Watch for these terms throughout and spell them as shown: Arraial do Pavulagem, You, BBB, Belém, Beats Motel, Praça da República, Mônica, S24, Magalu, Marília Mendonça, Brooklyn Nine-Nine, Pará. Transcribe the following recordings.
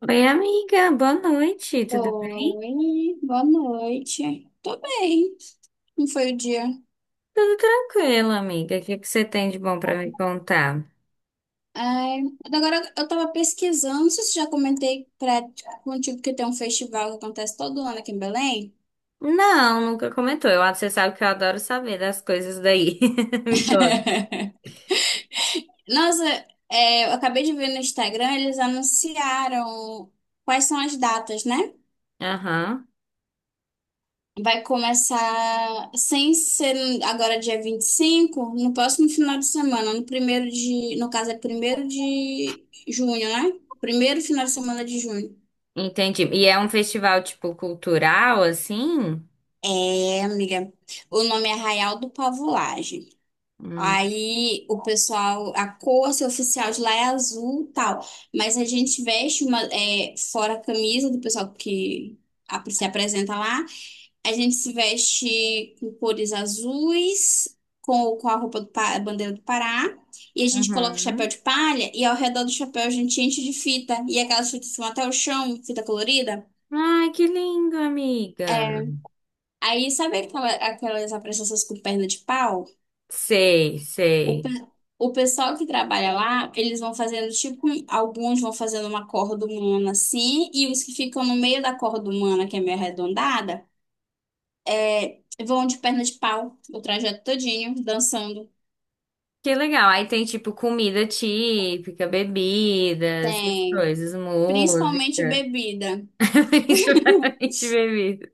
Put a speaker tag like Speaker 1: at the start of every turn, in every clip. Speaker 1: Oi, amiga, boa noite, tudo bem?
Speaker 2: Oi, boa noite. Tô bem. Não foi o dia.
Speaker 1: Tudo tranquilo, amiga. O que que você tem de bom pra me contar?
Speaker 2: Ai, agora eu tava pesquisando, não sei se já comentei contigo que tem um festival que acontece todo ano aqui em Belém.
Speaker 1: Não, nunca comentou. Eu, você sabe que eu adoro saber das coisas daí. Me conta.
Speaker 2: Nossa, eu acabei de ver no Instagram, eles anunciaram quais são as datas, né?
Speaker 1: Aham,
Speaker 2: Vai começar, sem ser agora dia 25 no próximo final de semana, no caso é 1º de junho, né? Primeiro final de semana de junho.
Speaker 1: entendi. E é um festival, tipo, cultural, assim?
Speaker 2: É, amiga. O nome é Arraial do Pavulagem.
Speaker 1: Hum.
Speaker 2: Aí o pessoal, a cor assim, oficial de lá é azul e tal. Mas a gente veste fora a camisa do pessoal que se apresenta lá. A gente se veste com cores azuis, com a roupa do, a bandeira do Pará. E a gente coloca o chapéu
Speaker 1: Uhum.
Speaker 2: de palha. E ao redor do chapéu a gente enche de fita. E aquelas fitas que vão até o chão, fita colorida.
Speaker 1: Ai, que lindo, amiga.
Speaker 2: Aí sabe aquelas apresentações com perna de pau?
Speaker 1: Sei,
Speaker 2: O,
Speaker 1: sei.
Speaker 2: pe- o pessoal que trabalha lá, eles vão fazendo tipo, alguns vão fazendo uma corda humana assim, e os que ficam no meio da corda humana, que é meio arredondada, vão de perna de pau, o trajeto todinho, dançando.
Speaker 1: Que legal. Aí tem, tipo, comida típica, bebidas, essas
Speaker 2: Tem
Speaker 1: coisas,
Speaker 2: principalmente
Speaker 1: música.
Speaker 2: bebida.
Speaker 1: Principalmente bebidas.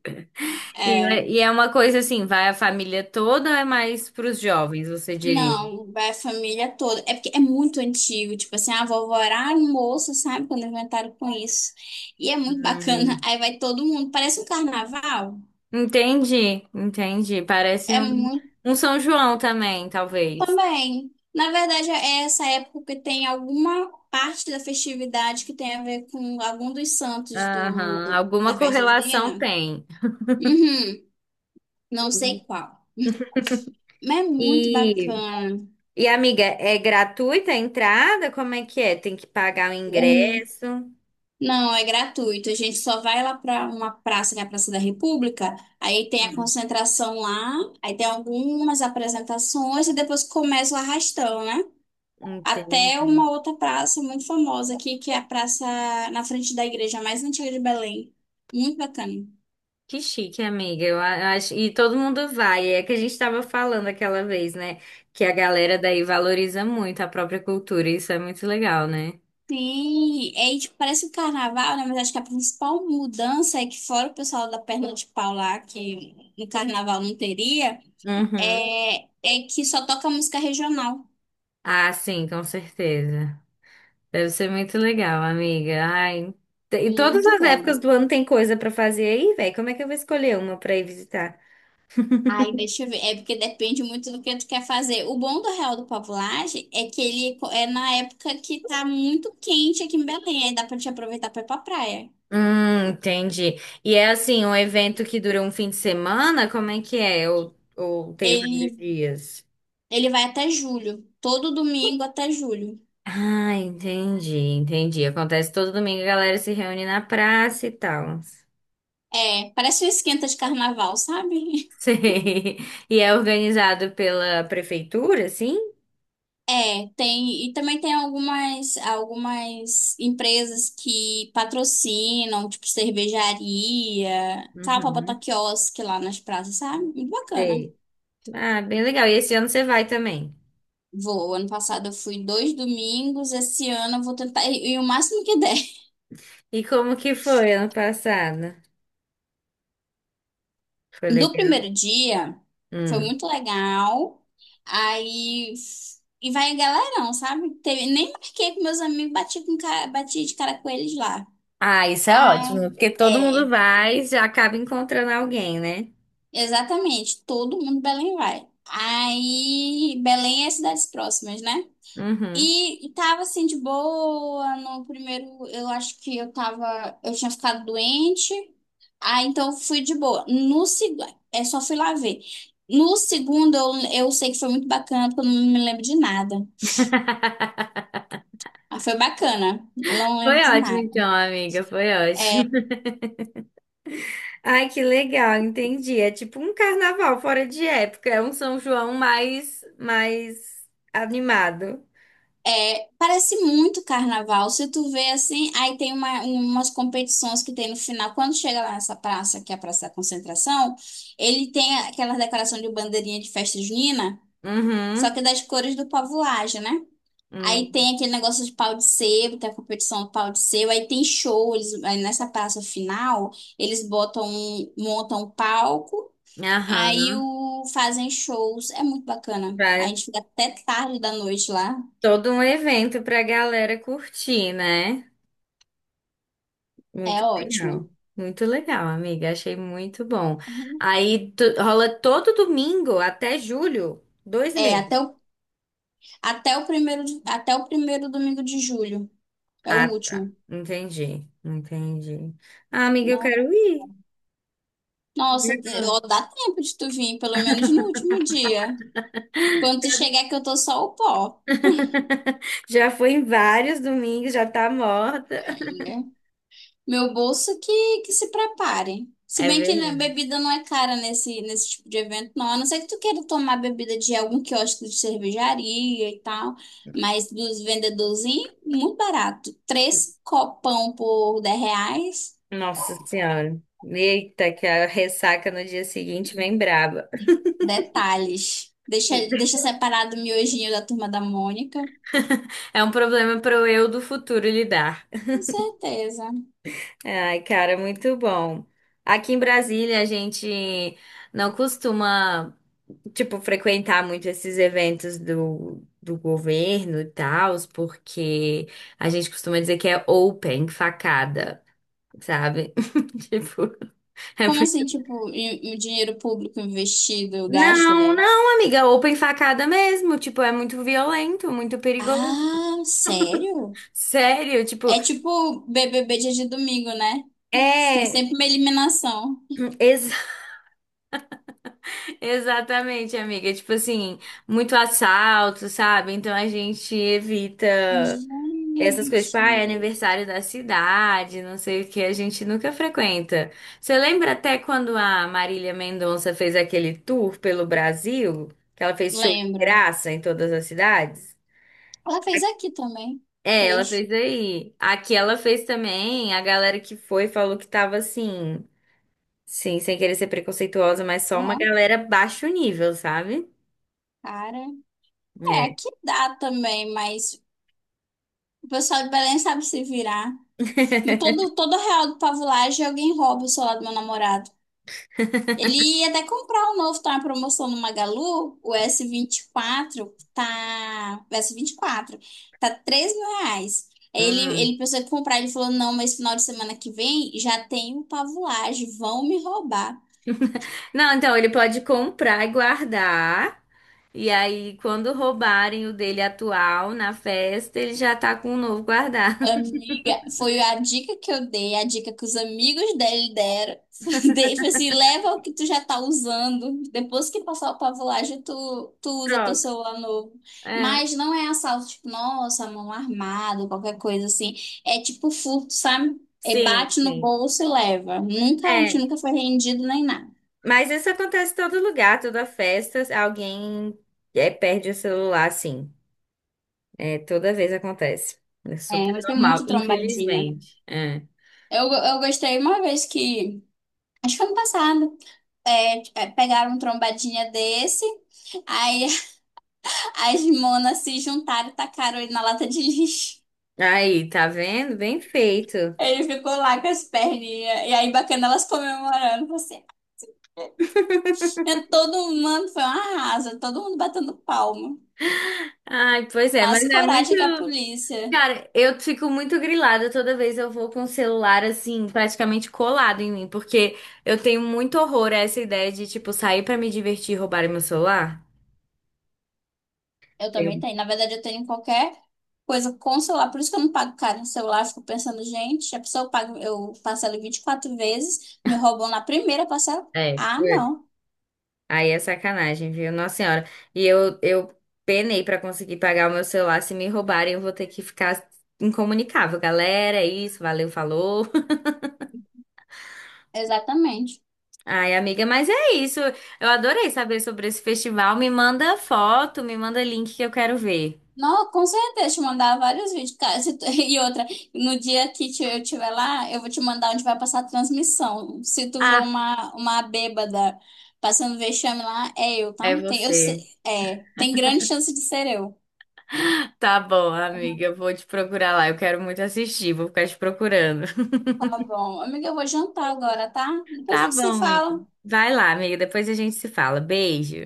Speaker 1: E
Speaker 2: É,
Speaker 1: é, e é uma coisa assim, vai a família toda, ou é mais para os jovens, você diria.
Speaker 2: não, vai a família toda. É porque é muito antigo, tipo assim, a vovó era um moço, sabe, quando inventaram com isso. E é muito bacana.
Speaker 1: Hum.
Speaker 2: Aí vai todo mundo, parece um carnaval.
Speaker 1: Entendi, entendi. Parece
Speaker 2: É
Speaker 1: um,
Speaker 2: muito
Speaker 1: um São João também, talvez.
Speaker 2: também. Na verdade, é essa época que tem alguma parte da festividade que tem a ver com algum dos santos
Speaker 1: Aham,
Speaker 2: do,
Speaker 1: alguma
Speaker 2: da festa
Speaker 1: correlação
Speaker 2: junina.
Speaker 1: tem.
Speaker 2: Uhum, não sei qual. Mas é muito
Speaker 1: E,
Speaker 2: bacana.
Speaker 1: e amiga, é gratuita a entrada? Como é que é? Tem que pagar o
Speaker 2: Hum,
Speaker 1: ingresso?
Speaker 2: Não, é gratuito. A gente só vai lá para uma praça, que é a Praça da República. Aí tem a concentração lá, aí tem algumas apresentações e depois começa o arrastão, né?
Speaker 1: Entendi.
Speaker 2: Até uma outra praça muito famosa aqui, que é a praça na frente da igreja mais antiga de Belém. Muito bacana.
Speaker 1: Que chique, amiga. Eu acho, e todo mundo vai. É que a gente estava falando aquela vez, né? Que a galera daí valoriza muito a própria cultura. Isso é muito legal, né?
Speaker 2: Sim, é, e, tipo, parece um carnaval, né? Mas acho que a principal mudança é que fora o pessoal da perna de pau lá, que no carnaval não teria,
Speaker 1: Uhum.
Speaker 2: é que só toca música regional.
Speaker 1: Ah, sim, com certeza. Deve ser muito legal, amiga. Ai, e todas
Speaker 2: Muito
Speaker 1: as
Speaker 2: bom.
Speaker 1: épocas do ano tem coisa pra fazer aí, velho. Como é que eu vou escolher uma pra ir visitar?
Speaker 2: Aí, deixa eu ver. É porque depende muito do que tu quer fazer. O bom do Real do Pavulagem é que é na época que tá muito quente aqui em Belém. Aí dá pra te aproveitar pra ir pra praia.
Speaker 1: Entendi. E é assim, um evento que dura um fim de semana? Como é que é? Ou tem vários
Speaker 2: Ele,
Speaker 1: dias?
Speaker 2: ele vai até julho. Todo domingo até julho.
Speaker 1: Ah, entendi, entendi. Acontece todo domingo, a galera se reúne na praça e tal.
Speaker 2: É, parece um esquenta de carnaval, sabe?
Speaker 1: Sei. E é organizado pela prefeitura, sim?
Speaker 2: É, tem. E também tem algumas empresas que patrocinam, tipo cervejaria, tal, pra botar
Speaker 1: Uhum,
Speaker 2: quiosque lá nas praças, sabe? Muito bacana.
Speaker 1: sei. Ah, bem legal. E esse ano você vai também.
Speaker 2: Vou. Ano passado eu fui 2 domingos, esse ano eu vou tentar ir, ir o máximo que der.
Speaker 1: E como que foi ano passado? Foi
Speaker 2: Do
Speaker 1: legal.
Speaker 2: primeiro dia, foi
Speaker 1: Hum.
Speaker 2: muito legal. Aí, e vai galerão, sabe? Teve, nem marquei com meus amigos, bati de cara com eles lá.
Speaker 1: Ah, isso é
Speaker 2: Ai,
Speaker 1: ótimo, porque todo mundo
Speaker 2: é,
Speaker 1: vai e já acaba encontrando alguém, né?
Speaker 2: exatamente. Todo mundo de Belém vai. Aí, Belém é cidades próximas, né?
Speaker 1: Uhum.
Speaker 2: E tava assim de boa no primeiro. Eu acho que eu tava. Eu tinha ficado doente. Ah, então fui de boa. No segundo, é só fui lá ver. No segundo, eu sei que foi muito bacana, porque eu não me lembro de nada. Ah, foi bacana, não lembro
Speaker 1: Foi
Speaker 2: de
Speaker 1: ótimo,
Speaker 2: nada.
Speaker 1: então, amiga. Foi ótimo. Ai, que legal, entendi. É tipo um carnaval fora de época, é um São João mais animado.
Speaker 2: É, parece muito carnaval. Se tu vê assim, aí tem umas competições que tem no final. Quando chega lá nessa praça, que é a Praça da Concentração, ele tem aquela decoração de bandeirinha de festa junina, só
Speaker 1: Uhum.
Speaker 2: que das cores do povo Laje, né? Aí
Speaker 1: Hum,
Speaker 2: tem aquele negócio de pau de sebo, tem a competição do pau de sebo, aí tem show, eles, aí nessa praça final, eles botam, montam um palco,
Speaker 1: aham.
Speaker 2: aí o, fazem shows, é muito bacana. A
Speaker 1: Pra-
Speaker 2: gente fica até tarde da noite lá,
Speaker 1: Todo um evento pra galera curtir, né?
Speaker 2: é
Speaker 1: Muito legal.
Speaker 2: ótimo.
Speaker 1: Muito legal, amiga. Achei muito bom.
Speaker 2: Uhum.
Speaker 1: Aí rola todo domingo até julho, dois
Speaker 2: É,
Speaker 1: meses.
Speaker 2: até o, até o primeiro, até o primeiro domingo de julho, é o
Speaker 1: Ah, tá.
Speaker 2: último.
Speaker 1: Entendi, entendi. Ah, amiga, eu
Speaker 2: No-
Speaker 1: quero ir.
Speaker 2: Nossa, ó, dá tempo de tu vir, pelo menos no último dia. Quando tu chegar que eu tô só o pó.
Speaker 1: Já foi em vários domingos, já tá morta.
Speaker 2: Meu bolso que se prepare. Se
Speaker 1: É
Speaker 2: bem que né,
Speaker 1: verdade.
Speaker 2: bebida não é cara nesse tipo de evento, não. A não ser que tu queira tomar bebida de algum quiosque de cervejaria e tal. Mas dos vendedorzinhos, muito barato. Três copão por R$ 10.
Speaker 1: Nossa Senhora. Eita, que a ressaca no dia seguinte vem braba.
Speaker 2: Detalhes. Deixa separado o miojinho da turma da Mônica.
Speaker 1: É um problema para o eu do futuro lidar.
Speaker 2: Com certeza.
Speaker 1: Ai, cara, muito bom. Aqui em Brasília, a gente não costuma, tipo, frequentar muito esses eventos do governo e tal, porque a gente costuma dizer que é open, facada, sabe? Tipo, é
Speaker 2: Como assim,
Speaker 1: muito...
Speaker 2: tipo, em dinheiro público investido, gasto,
Speaker 1: Não,
Speaker 2: aliás?
Speaker 1: não, amiga, open facada mesmo. Tipo, é muito violento, muito perigoso.
Speaker 2: Ah, sério?
Speaker 1: Sério, tipo,
Speaker 2: É tipo BBB dia de domingo, né? Tem
Speaker 1: é,
Speaker 2: sempre uma eliminação.
Speaker 1: ex- exatamente, amiga. Tipo assim, muito assalto, sabe? Então a gente evita essas coisas, tipo,
Speaker 2: Gente,
Speaker 1: ah, é aniversário da cidade, não sei o que, a gente nunca frequenta. Você lembra até quando a Marília Mendonça fez aquele tour pelo Brasil? Que ela fez show de
Speaker 2: lembro.
Speaker 1: graça em todas as cidades?
Speaker 2: Ela fez aqui também.
Speaker 1: É, ela
Speaker 2: Fez.
Speaker 1: fez aí. Aqui ela fez também. A galera que foi falou que tava assim. Sim, sem querer ser preconceituosa, mas só uma
Speaker 2: Uhum.
Speaker 1: galera baixo nível, sabe?
Speaker 2: Cara. É,
Speaker 1: É.
Speaker 2: aqui dá também, mas o pessoal de Belém sabe se virar. Todo, todo real do Pavulagem alguém rouba o celular do meu namorado. Ele ia até comprar um novo, tá na promoção no Magalu, o S24, tá... O S24, tá R$ 3.000. Aí Ele,
Speaker 1: Hum.
Speaker 2: ele pensou em comprar, ele falou, não, mas final de semana que vem já tem o pavulagem, vão me roubar.
Speaker 1: Não, então ele pode comprar e guardar. E aí, quando roubarem o dele atual na festa, ele já tá com o novo guardado.
Speaker 2: Amiga, foi a dica que eu dei, a dica que os amigos dele deram. Dei, falei assim, leva o que tu já tá usando. Depois que passar a pavulagem, tu usa teu
Speaker 1: Troca.
Speaker 2: celular novo.
Speaker 1: É.
Speaker 2: Mas não é assalto, tipo, nossa, mão armada, qualquer coisa assim. É tipo furto, sabe? É
Speaker 1: Sim,
Speaker 2: bate no
Speaker 1: sim.
Speaker 2: bolso e leva. Nunca, a gente
Speaker 1: É.
Speaker 2: nunca foi rendido nem nada.
Speaker 1: Mas isso acontece em todo lugar, toda festa, alguém é, perde o celular, sim. É, toda vez acontece. É
Speaker 2: É,
Speaker 1: super
Speaker 2: mas tem
Speaker 1: normal,
Speaker 2: muito trombadinha.
Speaker 1: infelizmente. É.
Speaker 2: Eu gostei uma vez que. Acho que foi ano passado. Pegaram um trombadinha desse. Aí as monas se juntaram e tacaram ele na lata de lixo.
Speaker 1: Aí, tá vendo? Bem feito.
Speaker 2: Ele ficou lá com as perninhas. E aí, bacana, elas comemorando. Você. É, todo mundo foi um arraso, todo mundo batendo palma.
Speaker 1: Ai, pois é,
Speaker 2: Mas
Speaker 1: mas é muito.
Speaker 2: coragem que a polícia.
Speaker 1: Cara, eu fico muito grilada toda vez eu vou com o celular assim, praticamente colado em mim, porque eu tenho muito horror a essa ideia de, tipo, sair pra me divertir e roubarem meu celular.
Speaker 2: Eu também
Speaker 1: Tenho.
Speaker 2: tenho. Na verdade, eu tenho qualquer coisa com celular. Por isso que eu não pago caro no celular. Eu fico pensando, gente, a pessoa paga, eu parcelo em 24 vezes, me roubam na primeira parcela.
Speaker 1: É,
Speaker 2: Ah,
Speaker 1: putz,
Speaker 2: não.
Speaker 1: aí é sacanagem, viu? Nossa Senhora. E eu penei pra conseguir pagar o meu celular. Se me roubarem, eu vou ter que ficar incomunicável. Galera, é isso, valeu, falou.
Speaker 2: Exatamente.
Speaker 1: Ai, amiga, mas é isso. Eu adorei saber sobre esse festival. Me manda foto, me manda link que eu quero ver.
Speaker 2: Não, com certeza, te mandar vários vídeos, cara. Se tu- E outra, no dia que eu estiver lá, eu vou te mandar onde vai passar a transmissão. Se tu vê
Speaker 1: Ah,
Speaker 2: uma bêbada passando vexame lá, é eu, tá?
Speaker 1: é
Speaker 2: Tem, eu, se-
Speaker 1: você.
Speaker 2: é, tem grande chance de ser eu.
Speaker 1: Tá bom, amiga, eu vou te procurar lá. Eu quero muito assistir, vou ficar te procurando.
Speaker 2: Tá bom. Amiga, eu vou jantar agora, tá? Depois a
Speaker 1: Tá
Speaker 2: gente se
Speaker 1: bom, amiga.
Speaker 2: fala.
Speaker 1: Vai lá, amiga, depois a gente se fala. Beijo.